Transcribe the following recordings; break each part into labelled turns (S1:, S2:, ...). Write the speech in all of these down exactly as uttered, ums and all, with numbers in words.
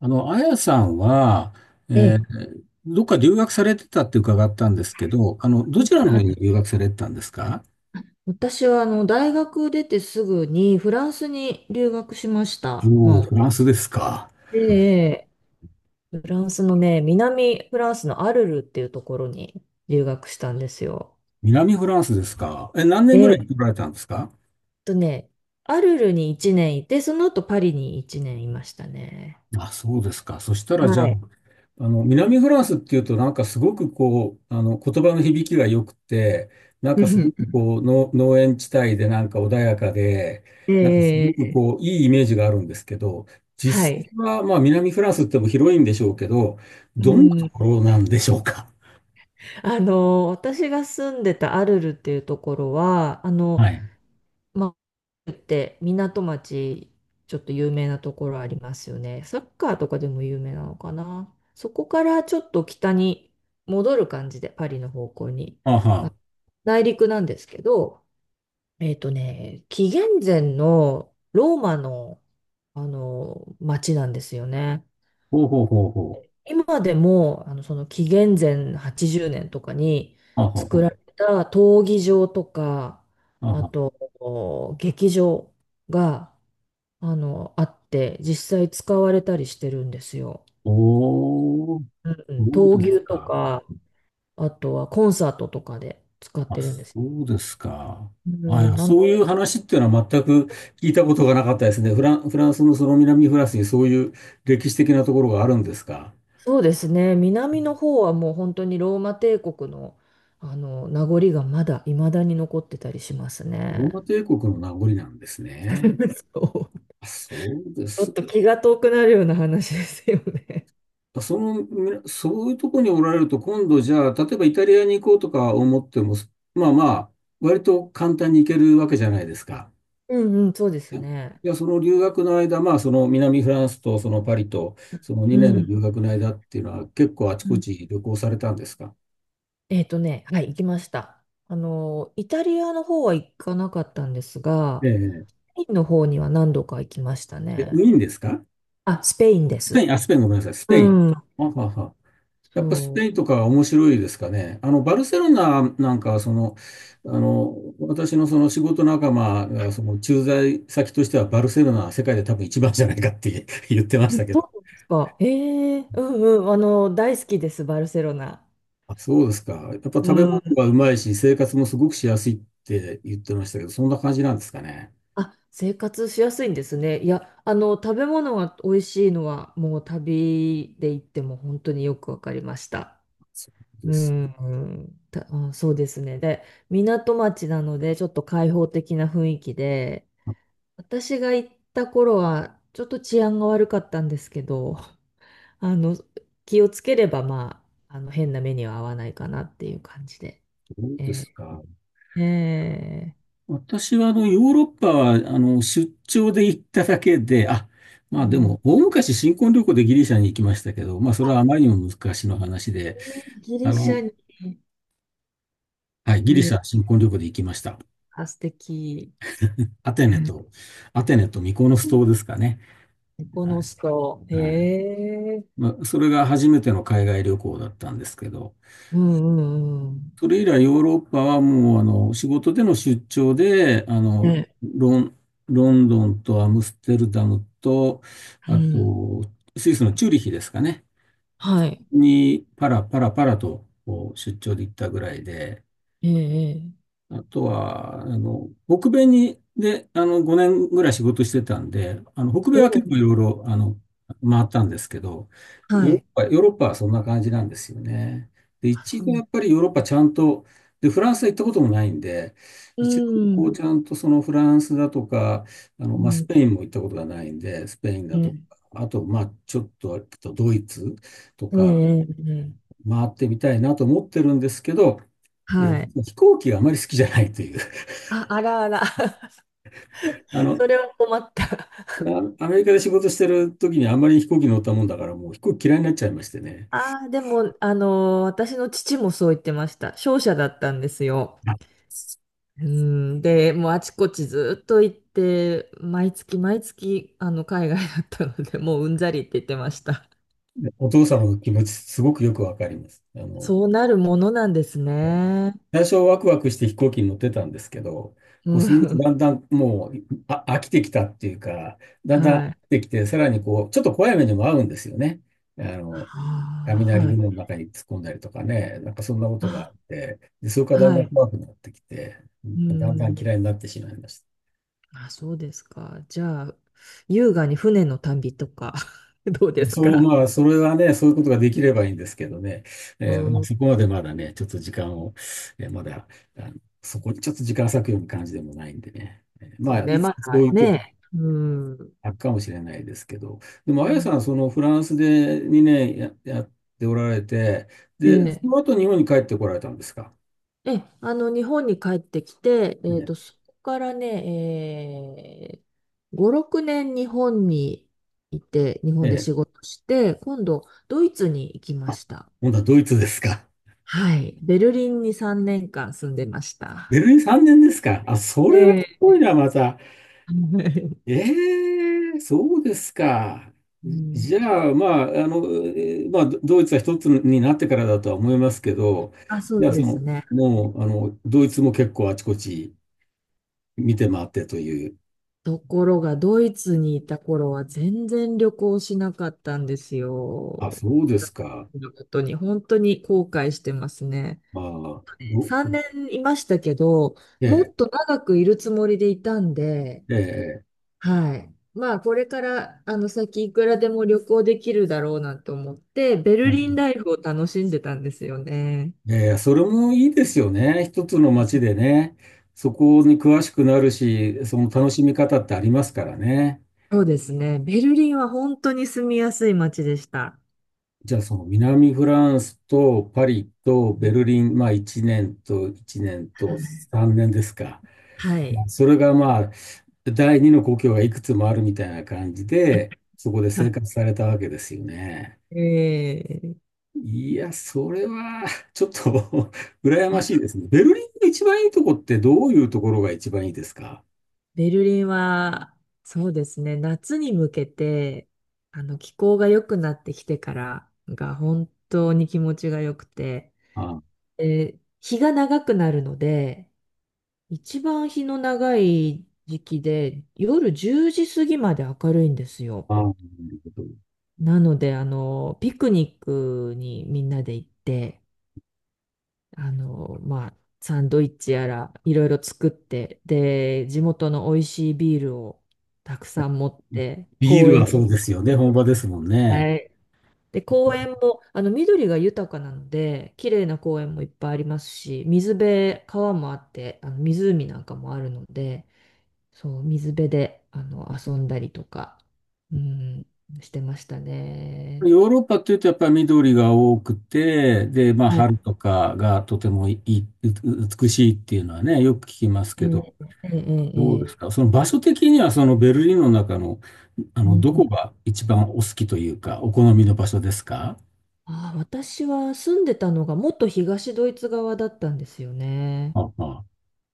S1: あの、あやさんは、
S2: え
S1: え
S2: え、
S1: ーどっか留学されてたって伺ったんですけど、あの、ど
S2: は
S1: ちらの方に
S2: い。
S1: 留学されてたんですか？
S2: 私はあの大学出てすぐにフランスに留学しました。
S1: おお
S2: まあ、
S1: ー、フランスですか。
S2: で、フランスのね、南フランスのアルルっていうところに留学したんですよ。
S1: 南フランスですか。え、何年
S2: え
S1: ぐ
S2: え、
S1: らい
S2: っ
S1: 来られたんですか？
S2: とね、アルルにいちねんいて、その後パリにいちねんいましたね。
S1: あ、そうですか。そしたら、じゃあ、
S2: はい。
S1: あの、南フランスっていうと、なんかすごくこう、あの、言葉の響きが良くて、なんかすごく こう、の農園地帯でなんか穏やかで、なんかす
S2: え
S1: ごく
S2: え、
S1: こう、いいイメージがあるんですけど、
S2: は
S1: 実際
S2: い。
S1: は、まあ、南フランスっても広いんでしょうけど、
S2: う
S1: どんなと
S2: ん。
S1: ころなんでしょうか。
S2: あの、私が住んでたアルルっていうところは、あの、
S1: はい。
S2: まあ、って港町、ちょっと有名なところありますよね。サッカーとかでも有名なのかな。そこからちょっと北に戻る感じで、パリの方向に。
S1: あ
S2: あ
S1: は。
S2: 内陸なんですけど、えっとね、紀元前のローマの、あの町なんですよね。
S1: ほうほうほうほう。
S2: 今でも、あの、その紀元前はちじゅうねんとかに
S1: あは
S2: 作
S1: は。
S2: られた闘技場とか、
S1: あ
S2: あ
S1: は。
S2: と、お劇場が、あの、あって、実際使われたりしてるんですよ。
S1: おー、
S2: うんうん、
S1: そ
S2: 闘
S1: うです
S2: 牛と
S1: か。
S2: か、あとはコンサートとかで使っ
S1: あ、
S2: てるんです。
S1: そうですか。
S2: う
S1: あ、い
S2: ん、
S1: や
S2: なの
S1: そういう
S2: で、
S1: 話っていうのは全く聞いたことがなかったですね。フラン、フランスのその南フランスにそういう歴史的なところがあるんですか。
S2: そうですね、南の方はもう本当にローマ帝国の、あの名残がまだ未だに残ってたりします
S1: ロ
S2: ね。
S1: ーマ帝国の名残なんですね。
S2: そう、
S1: あ、そうで
S2: ちょっ
S1: す
S2: と気が遠くなるような話ですよね。
S1: か。その、みなそういうところにおられると、今度じゃあ、例えばイタリアに行こうとか思っても、まあまあ、割と簡単に行けるわけじゃないですか。
S2: うんうん、そうですね。
S1: いや、その留学の間、まあ、その南フランスとそのパリと、その
S2: う
S1: にねんの
S2: ん。
S1: 留学の間っていうのは、結構あち
S2: う
S1: こ
S2: ん、
S1: ち旅行されたんですか？
S2: えっとね、はい、行きました。あの、イタリアの方は行かなかったんですが、
S1: ええ、
S2: スペインの方には何度か行きました
S1: え、ウ
S2: ね。
S1: ィーンですか？
S2: あ、スペインで
S1: スペイ
S2: す。
S1: ン、あ、スペイン、ごめんなさい、スペ
S2: う
S1: イン。
S2: ん。
S1: あはは。やっぱス
S2: そ
S1: ペ
S2: う。
S1: インとかは面白いですかね。あの、バルセロナなんかは、その、あの、私のその仕事仲間が、その駐在先としては、バルセロナは世界で多分一番じゃないかって 言ってましたけ
S2: ど
S1: ど。
S2: うですか。ええ、うんうん。あの、大好きです、バルセロナ。
S1: あ、そうですか。やっぱ食
S2: う
S1: べ物
S2: ん。
S1: がうまいし、生活もすごくしやすいって言ってましたけど、そんな感じなんですかね。
S2: あ、生活しやすいんですね。いや、あの、食べ物が美味しいのは、もう旅で行っても本当によくわかりました。
S1: そうで
S2: う
S1: すか。
S2: ん、た、あ、そうですね。で、港町なので、ちょっと開放的な雰囲気で、私が行った頃は、ちょっと治安が悪かったんですけど、あの、気をつければ、まあ、あの、変な目には合わないかなっていう感じで。
S1: どうです
S2: え
S1: か。
S2: ー、え
S1: 私はあの、ヨーロッパは、あの、出張で行っただけで、あ、
S2: ー、う
S1: まあで
S2: ん。
S1: も、大昔新婚旅行でギリシャに行きましたけど、まあそれ
S2: あ、
S1: はあまりにも昔の話で、
S2: ねギ
S1: あ
S2: リシャ
S1: の、
S2: に、
S1: はい、ギ
S2: い
S1: リ
S2: い
S1: シ
S2: で
S1: ャ
S2: す。
S1: 新婚旅行で行きました。
S2: あ、素敵。
S1: アテネ
S2: エ
S1: と、アテネとミコノス島ですかね。
S2: コこ
S1: は
S2: の
S1: い。
S2: 人。へ
S1: はい。
S2: え。
S1: まあ、それが初めての海外旅行だったんですけど、
S2: うんうん
S1: それ以来ヨーロッパはもうあの仕事での出張であ
S2: うん。
S1: の
S2: え、
S1: ロン、ロンドンとアムステルダムと
S2: う
S1: あ
S2: ん。
S1: とスイスのチューリヒですかね
S2: はい。
S1: にパラパラパラとこう出張で行ったぐらいで、
S2: ええ。ええ
S1: あとは、あの、北米に、で、あの、ごねんぐらい仕事してたんで、あの、北米
S2: お
S1: は結
S2: う
S1: 構いろいろ、あの、回ったんですけど、
S2: は
S1: ヨーロッ
S2: い。
S1: パ、ヨーロッパはそんな感じなんですよね。で、
S2: あ、
S1: 一
S2: そう
S1: 度
S2: な
S1: や
S2: んだ。
S1: っぱりヨーロッパちゃんと、で、フランスは行ったこともないんで、
S2: う
S1: 一度こう
S2: ん。
S1: ちゃんとそのフランスだとか、あの、
S2: う
S1: まあ、ス
S2: ん。
S1: ペインも行ったことがないんで、スペイン
S2: え
S1: だとか、
S2: え、
S1: あと、まあ、ちょっと、あとドイツと
S2: え
S1: か
S2: え、ええ
S1: 回ってみたいなと思ってるんですけど、えー
S2: はい。
S1: 飛行機があまり好きじゃないという。
S2: あ、あらあら。
S1: あ の、
S2: それは困った。
S1: あアメリカで仕事してる時にあんまり飛行機乗ったもんだから、もう飛行機嫌いになっちゃいましてね。
S2: ああ、でも、あの私の父もそう言ってました。商社だったんですよ。うん。で、もうあちこちずっと行って、毎月毎月、あの、海外だったので、もううんざりって言ってました。
S1: お父様の気持ち、すごくよくわかります。あの、
S2: そうなるものなんです
S1: えー
S2: ね。
S1: 最初ワクワクして飛行機に乗ってたんですけど、も
S2: う
S1: うそのうち
S2: ん。
S1: だんだんもうあ飽きてきたっていうか、だんだん飽
S2: はい。
S1: きてきて、さらにこう、ちょっと怖い目にも遭うんですよね。あの、
S2: ああ、
S1: 雷
S2: はい。
S1: 雲の中に突っ込んだりとかね、なんかそんなことがあっ
S2: あ、
S1: て、で、それからだんだ
S2: は
S1: ん
S2: い。
S1: 怖くなってきて、
S2: う
S1: だんだん
S2: ん。
S1: 嫌いになってしまいました。
S2: あ、そうですか。じゃあ、優雅に船の旅とか どうです
S1: そう、
S2: か。
S1: まあ、それはね、そういうことができればいいんですけどね、えー
S2: う
S1: まあ、
S2: ん、で
S1: そこまでまだね、ちょっと時間を、えーまだ、あの、そこにちょっと時間割くような感じでもないんでね、えー
S2: す
S1: ま
S2: よ
S1: あ、
S2: ね。
S1: いつ
S2: ま
S1: かそ
S2: あ
S1: ういう時
S2: ね。うん。
S1: あるかもしれないですけど、でも、あやさん、そのフランスで2年や、やっておられて、
S2: え
S1: で、そ
S2: え、
S1: の後日本に帰ってこられたんですか。
S2: ええ、あの、日本に帰ってきて、えっ
S1: ね、
S2: と、そこからね、えー、ご、ろくねん日本にいて、日本で
S1: ええ、
S2: 仕事して、今度、ドイツに行きま
S1: あ、
S2: した。
S1: 今度はドイツですか。
S2: はい。ベルリンにさんねんかん住んでまし
S1: ベ
S2: た。
S1: ルリンさんねんですか。あ、それは
S2: え
S1: すごい
S2: え。
S1: な、また。ええ、そうですか。
S2: うん、
S1: じゃあ、まあ、あの、えーまあ、ドドイツは一つになってからだとは思いますけど、
S2: あ、そ
S1: じ
S2: う
S1: ゃあ、そ
S2: です
S1: の、
S2: ね。
S1: もう、あの、ドイツも結構あちこち見て回ってという。
S2: ところが、ドイツにいた頃は全然旅行しなかったんです
S1: あ、
S2: よ。
S1: そうですか。
S2: このことに、本当に後悔してますね。
S1: ああ、ど、
S2: さんねんいましたけど、も
S1: ええ
S2: っと長くいるつもりでいたんで、
S1: ええ
S2: はい。まあ、これから、あの、先いくらでも旅行できるだろうなと思って、ベルリン
S1: え
S2: ライフを楽しんでたんですよね。
S1: えええ、それもいいですよね。一つの街でね、そこに詳しくなるし、その楽しみ方ってありますからね。
S2: そうですね。ベルリンは本当に住みやすい街でした。
S1: じゃあ、その南フランスとパリとベルリン、まあいちねんといちねん
S2: は
S1: と
S2: い。
S1: さんねんですか。
S2: は
S1: まあ
S2: い。
S1: それがまあ、第二の故郷がいくつもあるみたいな感じで、そこで
S2: ま
S1: 生
S2: あ、
S1: 活されたわけですよね。
S2: ええ、
S1: いや、それはちょっと 羨ましいですね。ベルリンの一番いいとこってどういうところが一番いいですか？
S2: ベルリンは、そうですね、夏に向けて、あの、気候が良くなってきてからが本当に気持ちが良くて、
S1: ああ、
S2: で日が長くなるので、一番日の長い時期で、夜じゅうじ過ぎまで明るいんですよ。
S1: ああなるほど。
S2: なので、あの、ピクニックにみんなで行って、あの、まあ、サンドイッチやらいろいろ作って、で、地元の美味しいビールをたくさん持って、
S1: ビー
S2: 公
S1: ル
S2: 園
S1: は
S2: に、
S1: そうですよね。本場ですもんね。
S2: はい。で、公園も、あの、緑が豊かなので、綺麗な公園もいっぱいありますし、水辺、川もあって、あの、湖なんかもあるので、そう、水辺で、あの、遊んだりとか、うん、してましたね。
S1: ヨーロッパっていうとやっぱり緑が多くて、で、まあ
S2: はい。
S1: 春とかがとてもいい、う美しいっていうのはね、よく聞きます
S2: え
S1: けど、
S2: えええええ
S1: どうで
S2: え
S1: す
S2: え、
S1: か、その場所的にはそのベルリンの中の、あ
S2: う
S1: の、
S2: ん、
S1: どこが一番お好きというか、お好みの場所ですか？
S2: ああ、私は住んでたのがもっと東ドイツ側だったんですよね。
S1: ああ、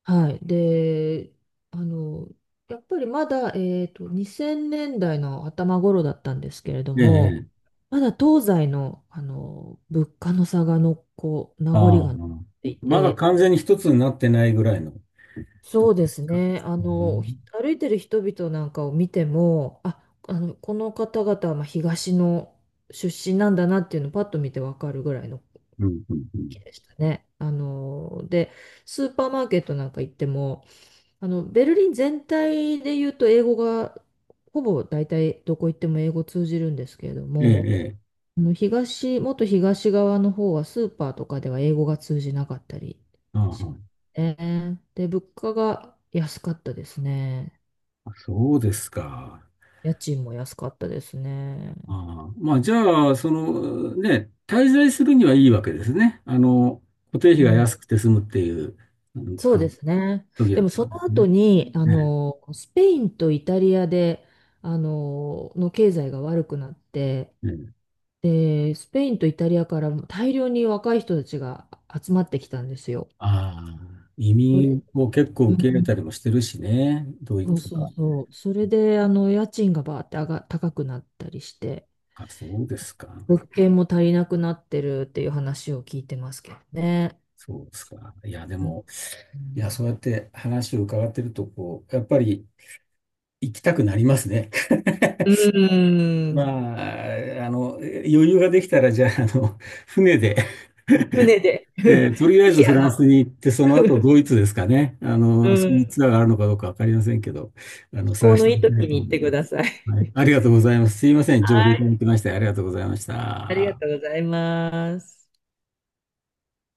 S2: はい。で、あの、やっぱりまだ、えっと、にせんねんだいの頭頃だったんですけれど
S1: え
S2: も、
S1: え、
S2: まだ東西の、あの物価の差がのこう名残
S1: ああ、
S2: が残ってい
S1: まだ
S2: て、
S1: 完全に一つになってないぐらいの
S2: そ
S1: 時
S2: うで
S1: です
S2: す
S1: か？
S2: ね。あ
S1: う
S2: の、
S1: ん、
S2: ひ歩いてる人々なんかを見ても、あ、あの、この方々はまあ東の出身なんだなっていうのをパッと見てわかるぐらいの
S1: うん、うん。う
S2: 気
S1: ん、
S2: でしたね。あのでスーパーマーケットなんか行ってもあのベルリン全体で言うと英語がほぼ大体どこ行っても英語通じるんですけれど
S1: ええ、
S2: も、
S1: ええ、
S2: あの東、もっと東側の方はスーパーとかでは英語が通じなかったり
S1: あ
S2: しますね。で物価が安かったですね。
S1: あ、そうですか。
S2: 家賃も安かったですね。
S1: ああ、まあ、じゃあ、その、ね、滞在するにはいいわけですね。あの、固定
S2: う
S1: 費が
S2: ん、
S1: 安くて済むっていう、うん、
S2: そ
S1: あ
S2: うで
S1: の、
S2: すね。
S1: 時だ
S2: で
S1: っ
S2: もそ
S1: たんで
S2: の
S1: す
S2: 後
S1: ね。
S2: に、あ
S1: ね、
S2: の、スペインとイタリアで、あの、の経済が悪くなって、
S1: ね。
S2: で、スペインとイタリアからも大量に若い人たちが集まってきたんですよ。
S1: ああ、移
S2: それ、
S1: 民を結構
S2: う
S1: 受け入れ
S2: ん、
S1: たりもしてるしね、ドイ
S2: そう
S1: ツ
S2: そう
S1: が。
S2: そう。それで、あの、家賃がバーって上が、高くなったりして、
S1: あ、そうですか。
S2: 物件も足りなくなってるっていう話を聞いてますけどね。
S1: そうですか。いや、で
S2: うん、
S1: も、いや、そうやって話を伺ってると、こう、やっぱり行きたくなりますね。
S2: うん、うー
S1: ま
S2: ん、
S1: あ、あの、余裕ができたら、じゃあ、あの、船で、
S2: 船で。
S1: え
S2: ぜ
S1: ーとりあえず
S2: ひ、
S1: フ
S2: あ
S1: ラ
S2: の、
S1: ンスに行って、その後ドイツですかね。あ
S2: う
S1: の、そう
S2: ん、
S1: いうツアーがあるのかどうかわかりませんけど、あの、探
S2: 行
S1: し
S2: の
S1: て
S2: いい
S1: みたい
S2: 時
S1: と
S2: に
S1: 思
S2: 行っ
S1: い
S2: てく
S1: ま
S2: だ
S1: す。
S2: さい。
S1: はい。ありがとうございます。すいません。情報
S2: は
S1: いただ
S2: い。
S1: きまして、ありがとうございまし
S2: ありが
S1: た。
S2: とうございます。